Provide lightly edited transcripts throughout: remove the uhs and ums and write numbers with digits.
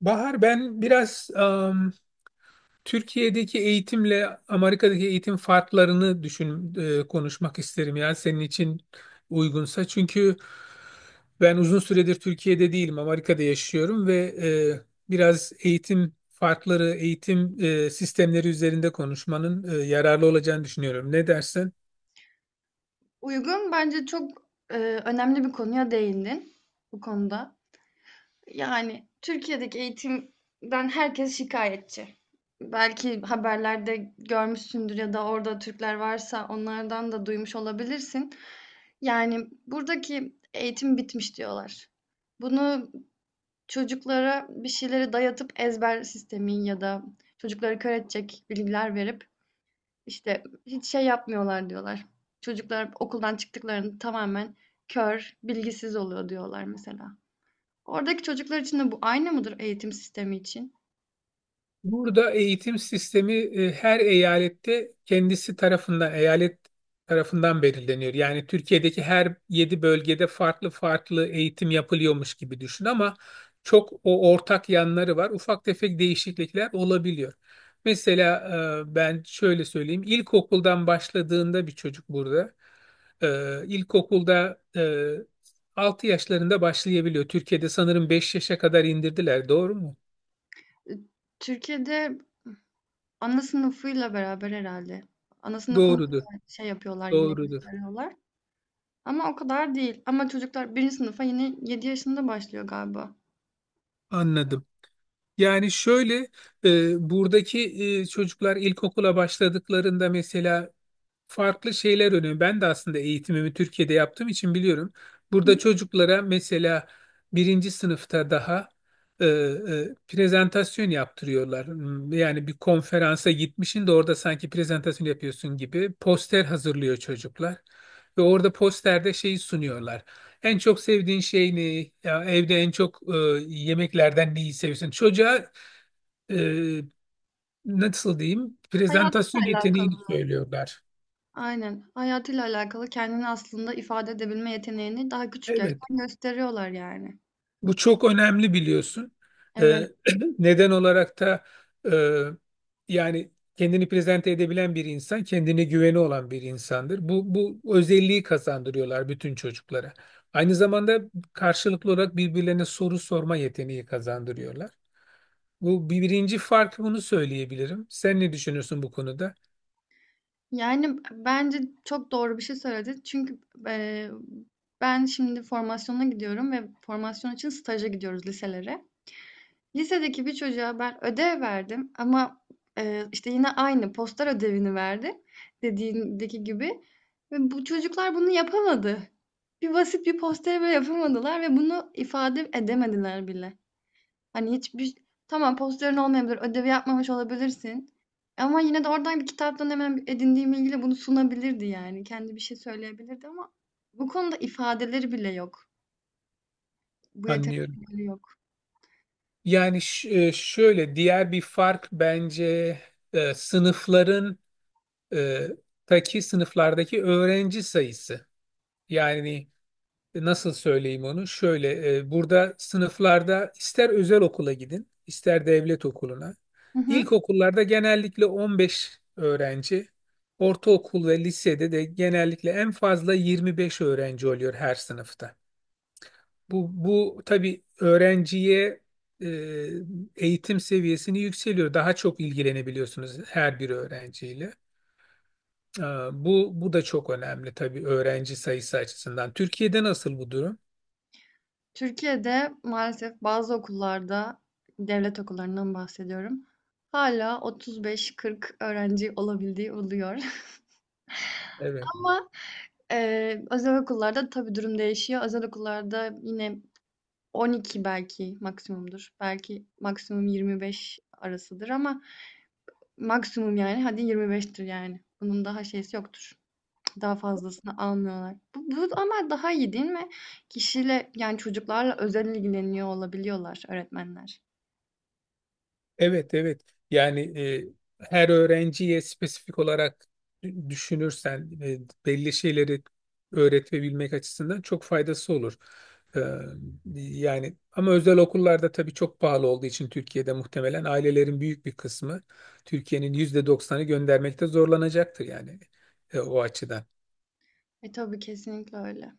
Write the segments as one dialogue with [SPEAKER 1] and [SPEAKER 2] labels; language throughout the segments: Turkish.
[SPEAKER 1] Bahar, ben biraz Türkiye'deki eğitimle Amerika'daki eğitim farklarını düşün konuşmak isterim ya senin için uygunsa. Çünkü ben uzun süredir Türkiye'de değilim, Amerika'da yaşıyorum ve biraz eğitim farkları, eğitim sistemleri üzerinde konuşmanın yararlı olacağını düşünüyorum. Ne dersin?
[SPEAKER 2] Uygun. Bence çok, önemli bir konuya değindin bu konuda. Yani, Türkiye'deki eğitimden herkes şikayetçi. Belki haberlerde görmüşsündür ya da orada Türkler varsa onlardan da duymuş olabilirsin. Yani, buradaki eğitim bitmiş diyorlar. Bunu çocuklara bir şeyleri dayatıp ezber sistemi ya da çocukları kör edecek bilgiler verip işte hiç şey yapmıyorlar diyorlar. Çocuklar okuldan çıktıklarında tamamen kör, bilgisiz oluyor diyorlar mesela. Oradaki çocuklar için de bu aynı mıdır eğitim sistemi için?
[SPEAKER 1] Burada eğitim sistemi her eyalette kendisi tarafından, eyalet tarafından belirleniyor. Yani Türkiye'deki her yedi bölgede farklı farklı eğitim yapılıyormuş gibi düşün ama çok o ortak yanları var. Ufak tefek değişiklikler olabiliyor. Mesela ben şöyle söyleyeyim. İlkokuldan başladığında bir çocuk burada ilkokulda 6 yaşlarında başlayabiliyor. Türkiye'de sanırım 5 yaşa kadar indirdiler. Doğru mu?
[SPEAKER 2] E, Türkiye'de ana sınıfıyla beraber herhalde. Ana sınıfında
[SPEAKER 1] Doğrudur.
[SPEAKER 2] da şey yapıyorlar yine
[SPEAKER 1] Doğrudur.
[SPEAKER 2] gösteriyorlar. Ama o kadar değil. Ama çocuklar birinci sınıfa yine yedi yaşında başlıyor galiba.
[SPEAKER 1] Anladım. Yani şöyle buradaki çocuklar ilkokula başladıklarında mesela farklı şeyler önemli. Ben de aslında eğitimimi Türkiye'de yaptığım için biliyorum. Burada çocuklara mesela birinci sınıfta daha prezentasyon yaptırıyorlar. Yani bir konferansa gitmişsin de orada sanki prezentasyon yapıyorsun gibi poster hazırlıyor çocuklar. Ve orada posterde şeyi sunuyorlar. En çok sevdiğin şey ne? Ya evde en çok yemeklerden neyi seviyorsun? Çocuğa e, nasıl diyeyim?
[SPEAKER 2] Hayatla
[SPEAKER 1] Prezentasyon yeteneğini
[SPEAKER 2] alakalı.
[SPEAKER 1] söylüyorlar.
[SPEAKER 2] Aynen. Hayatıyla alakalı kendini aslında ifade edebilme yeteneğini daha küçük
[SPEAKER 1] Evet.
[SPEAKER 2] yaştan gösteriyorlar yani.
[SPEAKER 1] Bu çok önemli biliyorsun. Ee,
[SPEAKER 2] Evet.
[SPEAKER 1] neden olarak da e, yani kendini prezente edebilen bir insan, kendine güveni olan bir insandır. Bu özelliği kazandırıyorlar bütün çocuklara. Aynı zamanda karşılıklı olarak birbirlerine soru sorma yeteneği kazandırıyorlar. Bu birinci fark, bunu söyleyebilirim. Sen ne düşünüyorsun bu konuda?
[SPEAKER 2] Yani bence çok doğru bir şey söyledi. Çünkü eee, ben şimdi formasyona gidiyorum ve formasyon için staja gidiyoruz liselere. Lisedeki bir çocuğa ben ödev verdim ama işte yine aynı poster ödevini verdim dediğindeki gibi. Ve bu çocuklar bunu yapamadı. Bir basit bir posteri bile yapamadılar ve bunu ifade edemediler bile. Hani, hiçbir Tamam, posterın olmayabilir, ödevi yapmamış olabilirsin ama yine de oradan bir kitaptan hemen edindiğim bilgiyle bunu sunabilirdi yani. Kendi bir şey söyleyebilirdi ama bu konuda ifadeleri bile yok. Bu
[SPEAKER 1] Anlıyorum.
[SPEAKER 2] yetenekleri yok.
[SPEAKER 1] Yani şöyle diğer bir fark bence sınıfların e, taki sınıflardaki öğrenci sayısı. Yani nasıl söyleyeyim onu? Şöyle burada sınıflarda ister özel okula gidin, ister devlet okuluna.
[SPEAKER 2] Hı hı.
[SPEAKER 1] İlkokullarda genellikle 15 öğrenci, ortaokul ve lisede de genellikle en fazla 25 öğrenci oluyor her sınıfta. Bu tabii öğrenciye e, eğitim seviyesini yükseliyor. Daha çok ilgilenebiliyorsunuz her bir öğrenciyle. Ee, bu da çok önemli tabii öğrenci sayısı açısından. Türkiye'de nasıl bu durum?
[SPEAKER 2] Türkiye'de maalesef bazı okullarda, devlet okullarından bahsediyorum, hâlâ 35-40 öğrenci olabildiği oluyor
[SPEAKER 1] Evet.
[SPEAKER 2] ama özel okullarda tabii durum değişiyor. Özel okullarda yine 12 belki maksimumdur. Belki maksimum 25 arasıdır ama maksimum yani hadi 25'tir yani. Bunun daha şeysi yoktur. Daha fazlasını almıyorlar. Bu ama daha iyi değil mi? Kişiyle yani çocuklarla özel ilgileniyor olabiliyorlar öğretmenler.
[SPEAKER 1] Evet, evet. Yani her öğrenciye spesifik olarak düşünürsen belli şeyleri öğretebilmek açısından çok faydası olur. Ee, yani ama özel okullarda tabii çok pahalı olduğu için Türkiye'de muhtemelen ailelerin büyük bir kısmı, Türkiye'nin %90'ı göndermekte zorlanacaktır, yani o açıdan.
[SPEAKER 2] E tabii kesinlikle öyle.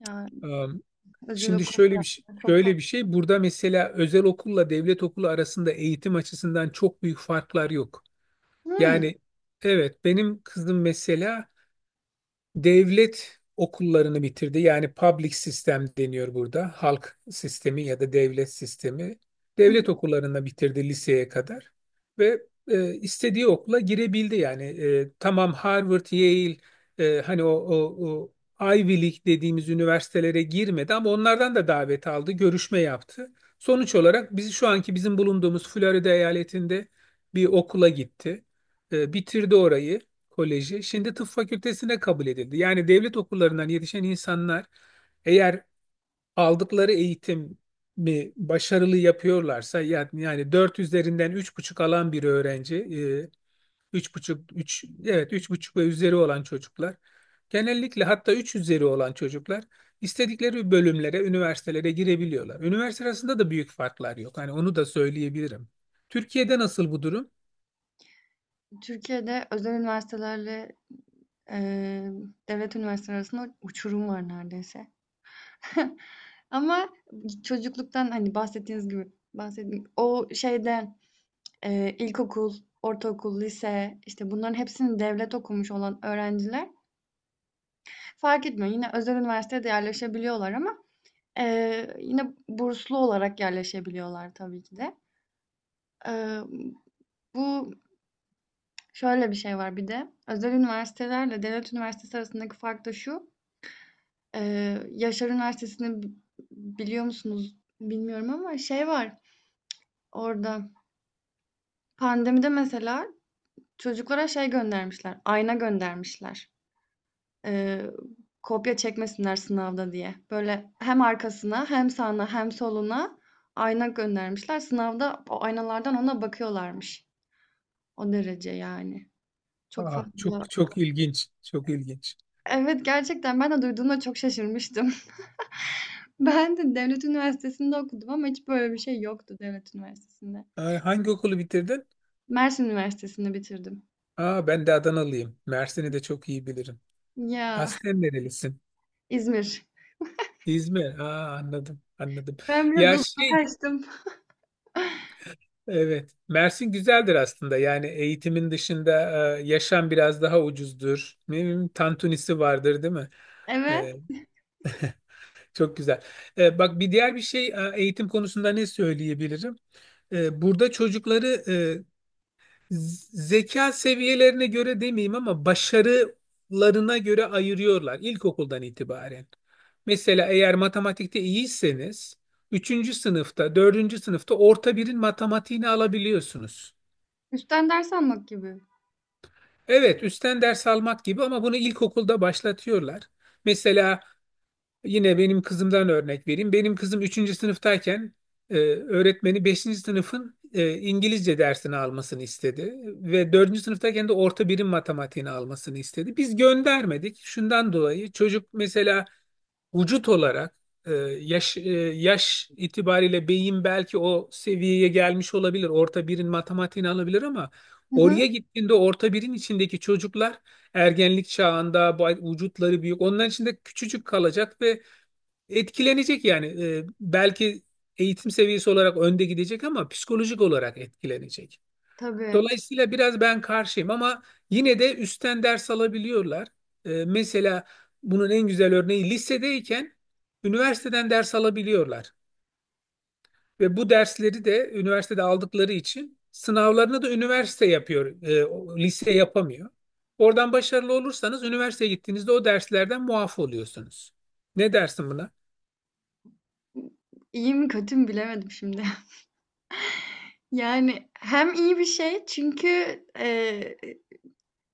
[SPEAKER 2] Yani
[SPEAKER 1] Am,
[SPEAKER 2] özel
[SPEAKER 1] Şimdi şöyle
[SPEAKER 2] okulda
[SPEAKER 1] bir şey,
[SPEAKER 2] çok fazla.
[SPEAKER 1] şöyle bir şey. Burada mesela özel okulla devlet okulu arasında eğitim açısından çok büyük farklar yok.
[SPEAKER 2] Hmm.
[SPEAKER 1] Yani evet benim kızım mesela devlet okullarını bitirdi. Yani public sistem deniyor burada. Halk sistemi ya da devlet sistemi. Devlet okullarını bitirdi liseye kadar ve istediği okula girebildi. Yani tamam, Harvard, Yale hani o Ivy League dediğimiz üniversitelere girmedi ama onlardan da davet aldı, görüşme yaptı. Sonuç olarak biz şu anki bizim bulunduğumuz Florida eyaletinde bir okula gitti. Bitirdi orayı. Koleji şimdi tıp fakültesine kabul edildi. Yani devlet okullarından yetişen insanlar eğer aldıkları eğitimi başarılı yapıyorlarsa, yani, 4 üzerinden 3,5 alan bir öğrenci, üç buçuk 3 evet üç buçuk ve üzeri olan çocuklar genellikle, hatta 3 üzeri olan çocuklar istedikleri bölümlere, üniversitelere girebiliyorlar. Üniversite arasında da büyük farklar yok. Hani onu da söyleyebilirim. Türkiye'de nasıl bu durum?
[SPEAKER 2] Türkiye'de özel üniversitelerle eee, devlet üniversiteleri arasında uçurum var neredeyse. Ama çocukluktan, hani, bahsettiğiniz gibi bahsettiğim o şeyde, ilkokul, ortaokul, lise, işte, bunların hepsini devlet okumuş olan öğrenciler fark etmiyor. Yine özel üniversiteye yerleşebiliyorlar ama yine burslu olarak yerleşebiliyorlar tabii ki de. Eee, bu şöyle bir şey var bir de, özel üniversitelerle devlet üniversitesi arasındaki fark da şu, Yaşar Üniversitesi'ni biliyor musunuz bilmiyorum ama şey var orada, pandemide mesela çocuklara şey göndermişler, ayna göndermişler. Eee, kopya çekmesinler sınavda diye. Böyle hem arkasına hem sağına hem soluna ayna göndermişler. Sınavda o aynalardan ona bakıyorlarmış. O derece yani. Çok
[SPEAKER 1] Aa,
[SPEAKER 2] fazla.
[SPEAKER 1] çok çok ilginç, çok ilginç.
[SPEAKER 2] Evet gerçekten ben de duyduğumda çok şaşırmıştım. Ben de devlet üniversitesinde okudum ama hiç böyle bir şey yoktu devlet üniversitesinde.
[SPEAKER 1] Aa, hangi okulu bitirdin?
[SPEAKER 2] Mersin Üniversitesi'nde bitirdim.
[SPEAKER 1] Aa, ben de Adanalıyım. Mersin'i de çok iyi bilirim.
[SPEAKER 2] Ya
[SPEAKER 1] Aslen nerelisin?
[SPEAKER 2] İzmir.
[SPEAKER 1] İzmir. Aa, anladım, anladım.
[SPEAKER 2] Ben biraz
[SPEAKER 1] Ya şey,
[SPEAKER 2] uzaklaştım.
[SPEAKER 1] evet. Mersin güzeldir aslında. Yani eğitimin dışında yaşam biraz daha ucuzdur. Ne bileyim, tantunisi vardır, değil mi?
[SPEAKER 2] Evet.
[SPEAKER 1] E, çok güzel. Bak, bir diğer bir şey eğitim konusunda ne söyleyebilirim? Burada çocukları zeka seviyelerine göre demeyeyim ama başarılarına göre ayırıyorlar ilkokuldan itibaren. Mesela eğer matematikte iyiyseniz üçüncü sınıfta, dördüncü sınıfta orta birin matematiğini alabiliyorsunuz.
[SPEAKER 2] Üstten ders almak gibi.
[SPEAKER 1] Evet, üstten ders almak gibi ama bunu ilkokulda başlatıyorlar. Mesela yine benim kızımdan örnek vereyim. Benim kızım üçüncü sınıftayken öğretmeni beşinci sınıfın İngilizce dersini almasını istedi ve dördüncü sınıftayken de orta birim matematiğini almasını istedi. Biz göndermedik. Şundan dolayı çocuk mesela vücut olarak, e, yaş e, yaş itibariyle beyin belki o seviyeye gelmiş olabilir. Orta birin matematiğini alabilir ama
[SPEAKER 2] Hı hı.
[SPEAKER 1] oraya gittiğinde orta birin içindeki çocuklar ergenlik çağında, vücutları büyük. Onların içinde küçücük kalacak ve etkilenecek yani. Belki eğitim seviyesi olarak önde gidecek ama psikolojik olarak etkilenecek.
[SPEAKER 2] Tabii.
[SPEAKER 1] Dolayısıyla biraz ben karşıyım ama yine de üstten ders alabiliyorlar. Mesela bunun en güzel örneği, lisedeyken üniversiteden ders alabiliyorlar. Ve bu dersleri de üniversitede aldıkları için sınavlarını da üniversite yapıyor, lise yapamıyor. Oradan başarılı olursanız üniversiteye gittiğinizde o derslerden muaf oluyorsunuz. Ne dersin buna?
[SPEAKER 2] İyi mi kötü mü bilemedim şimdi. Yani hem iyi bir şey çünkü, eee,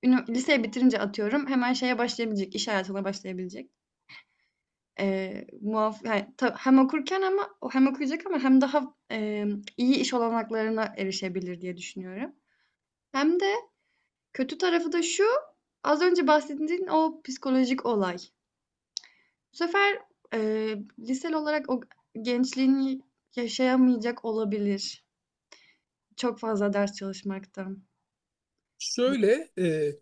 [SPEAKER 2] ünü liseyi bitirince atıyorum hemen şeye başlayabilecek, iş hayatına başlayabilecek. Muaf yani ta hem okurken ama hem okuyacak ama hem daha, iyi iş olanaklarına erişebilir diye düşünüyorum. Hem de kötü tarafı da şu, az önce bahsettiğin o psikolojik olay. Bu sefer, liseli olarak o gençliğini yaşayamayacak olabilir, çok fazla ders çalışmaktan.
[SPEAKER 1] Şöyle,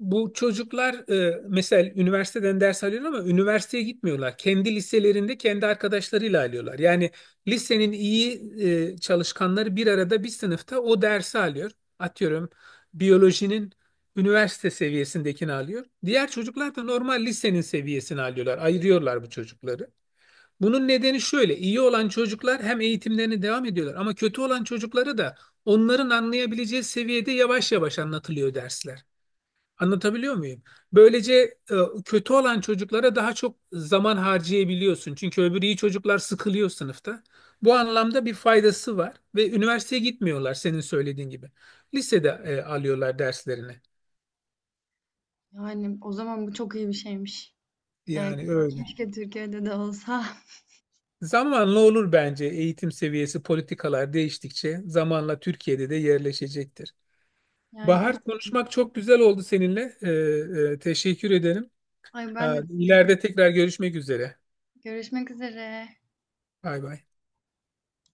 [SPEAKER 1] bu çocuklar mesela üniversiteden ders alıyorlar ama üniversiteye gitmiyorlar. Kendi liselerinde kendi arkadaşlarıyla alıyorlar. Yani lisenin iyi çalışkanları bir arada bir sınıfta o dersi alıyor. Atıyorum biyolojinin üniversite seviyesindekini alıyor. Diğer çocuklar da normal lisenin seviyesini alıyorlar. Ayırıyorlar bu çocukları. Bunun nedeni şöyle. İyi olan çocuklar hem eğitimlerine devam ediyorlar ama kötü olan çocuklara da onların anlayabileceği seviyede yavaş yavaş anlatılıyor dersler. Anlatabiliyor muyum? Böylece kötü olan çocuklara daha çok zaman harcayabiliyorsun. Çünkü öbürü, iyi çocuklar sıkılıyor sınıfta. Bu anlamda bir faydası var ve üniversiteye gitmiyorlar senin söylediğin gibi. Lisede alıyorlar derslerini.
[SPEAKER 2] Yani, o zaman bu çok iyi bir şeymiş. Yani,
[SPEAKER 1] Yani öyle.
[SPEAKER 2] keşke Türkiye'de de olsa.
[SPEAKER 1] Zamanla olur bence, eğitim seviyesi, politikalar değiştikçe zamanla Türkiye'de de yerleşecektir.
[SPEAKER 2] Yani, iyi.
[SPEAKER 1] Bahar, konuşmak çok güzel oldu seninle. Teşekkür ederim.
[SPEAKER 2] Ay,
[SPEAKER 1] E,
[SPEAKER 2] ben de teşekkür ederim.
[SPEAKER 1] ileride tekrar görüşmek üzere.
[SPEAKER 2] Görüşmek üzere.
[SPEAKER 1] Bay bay.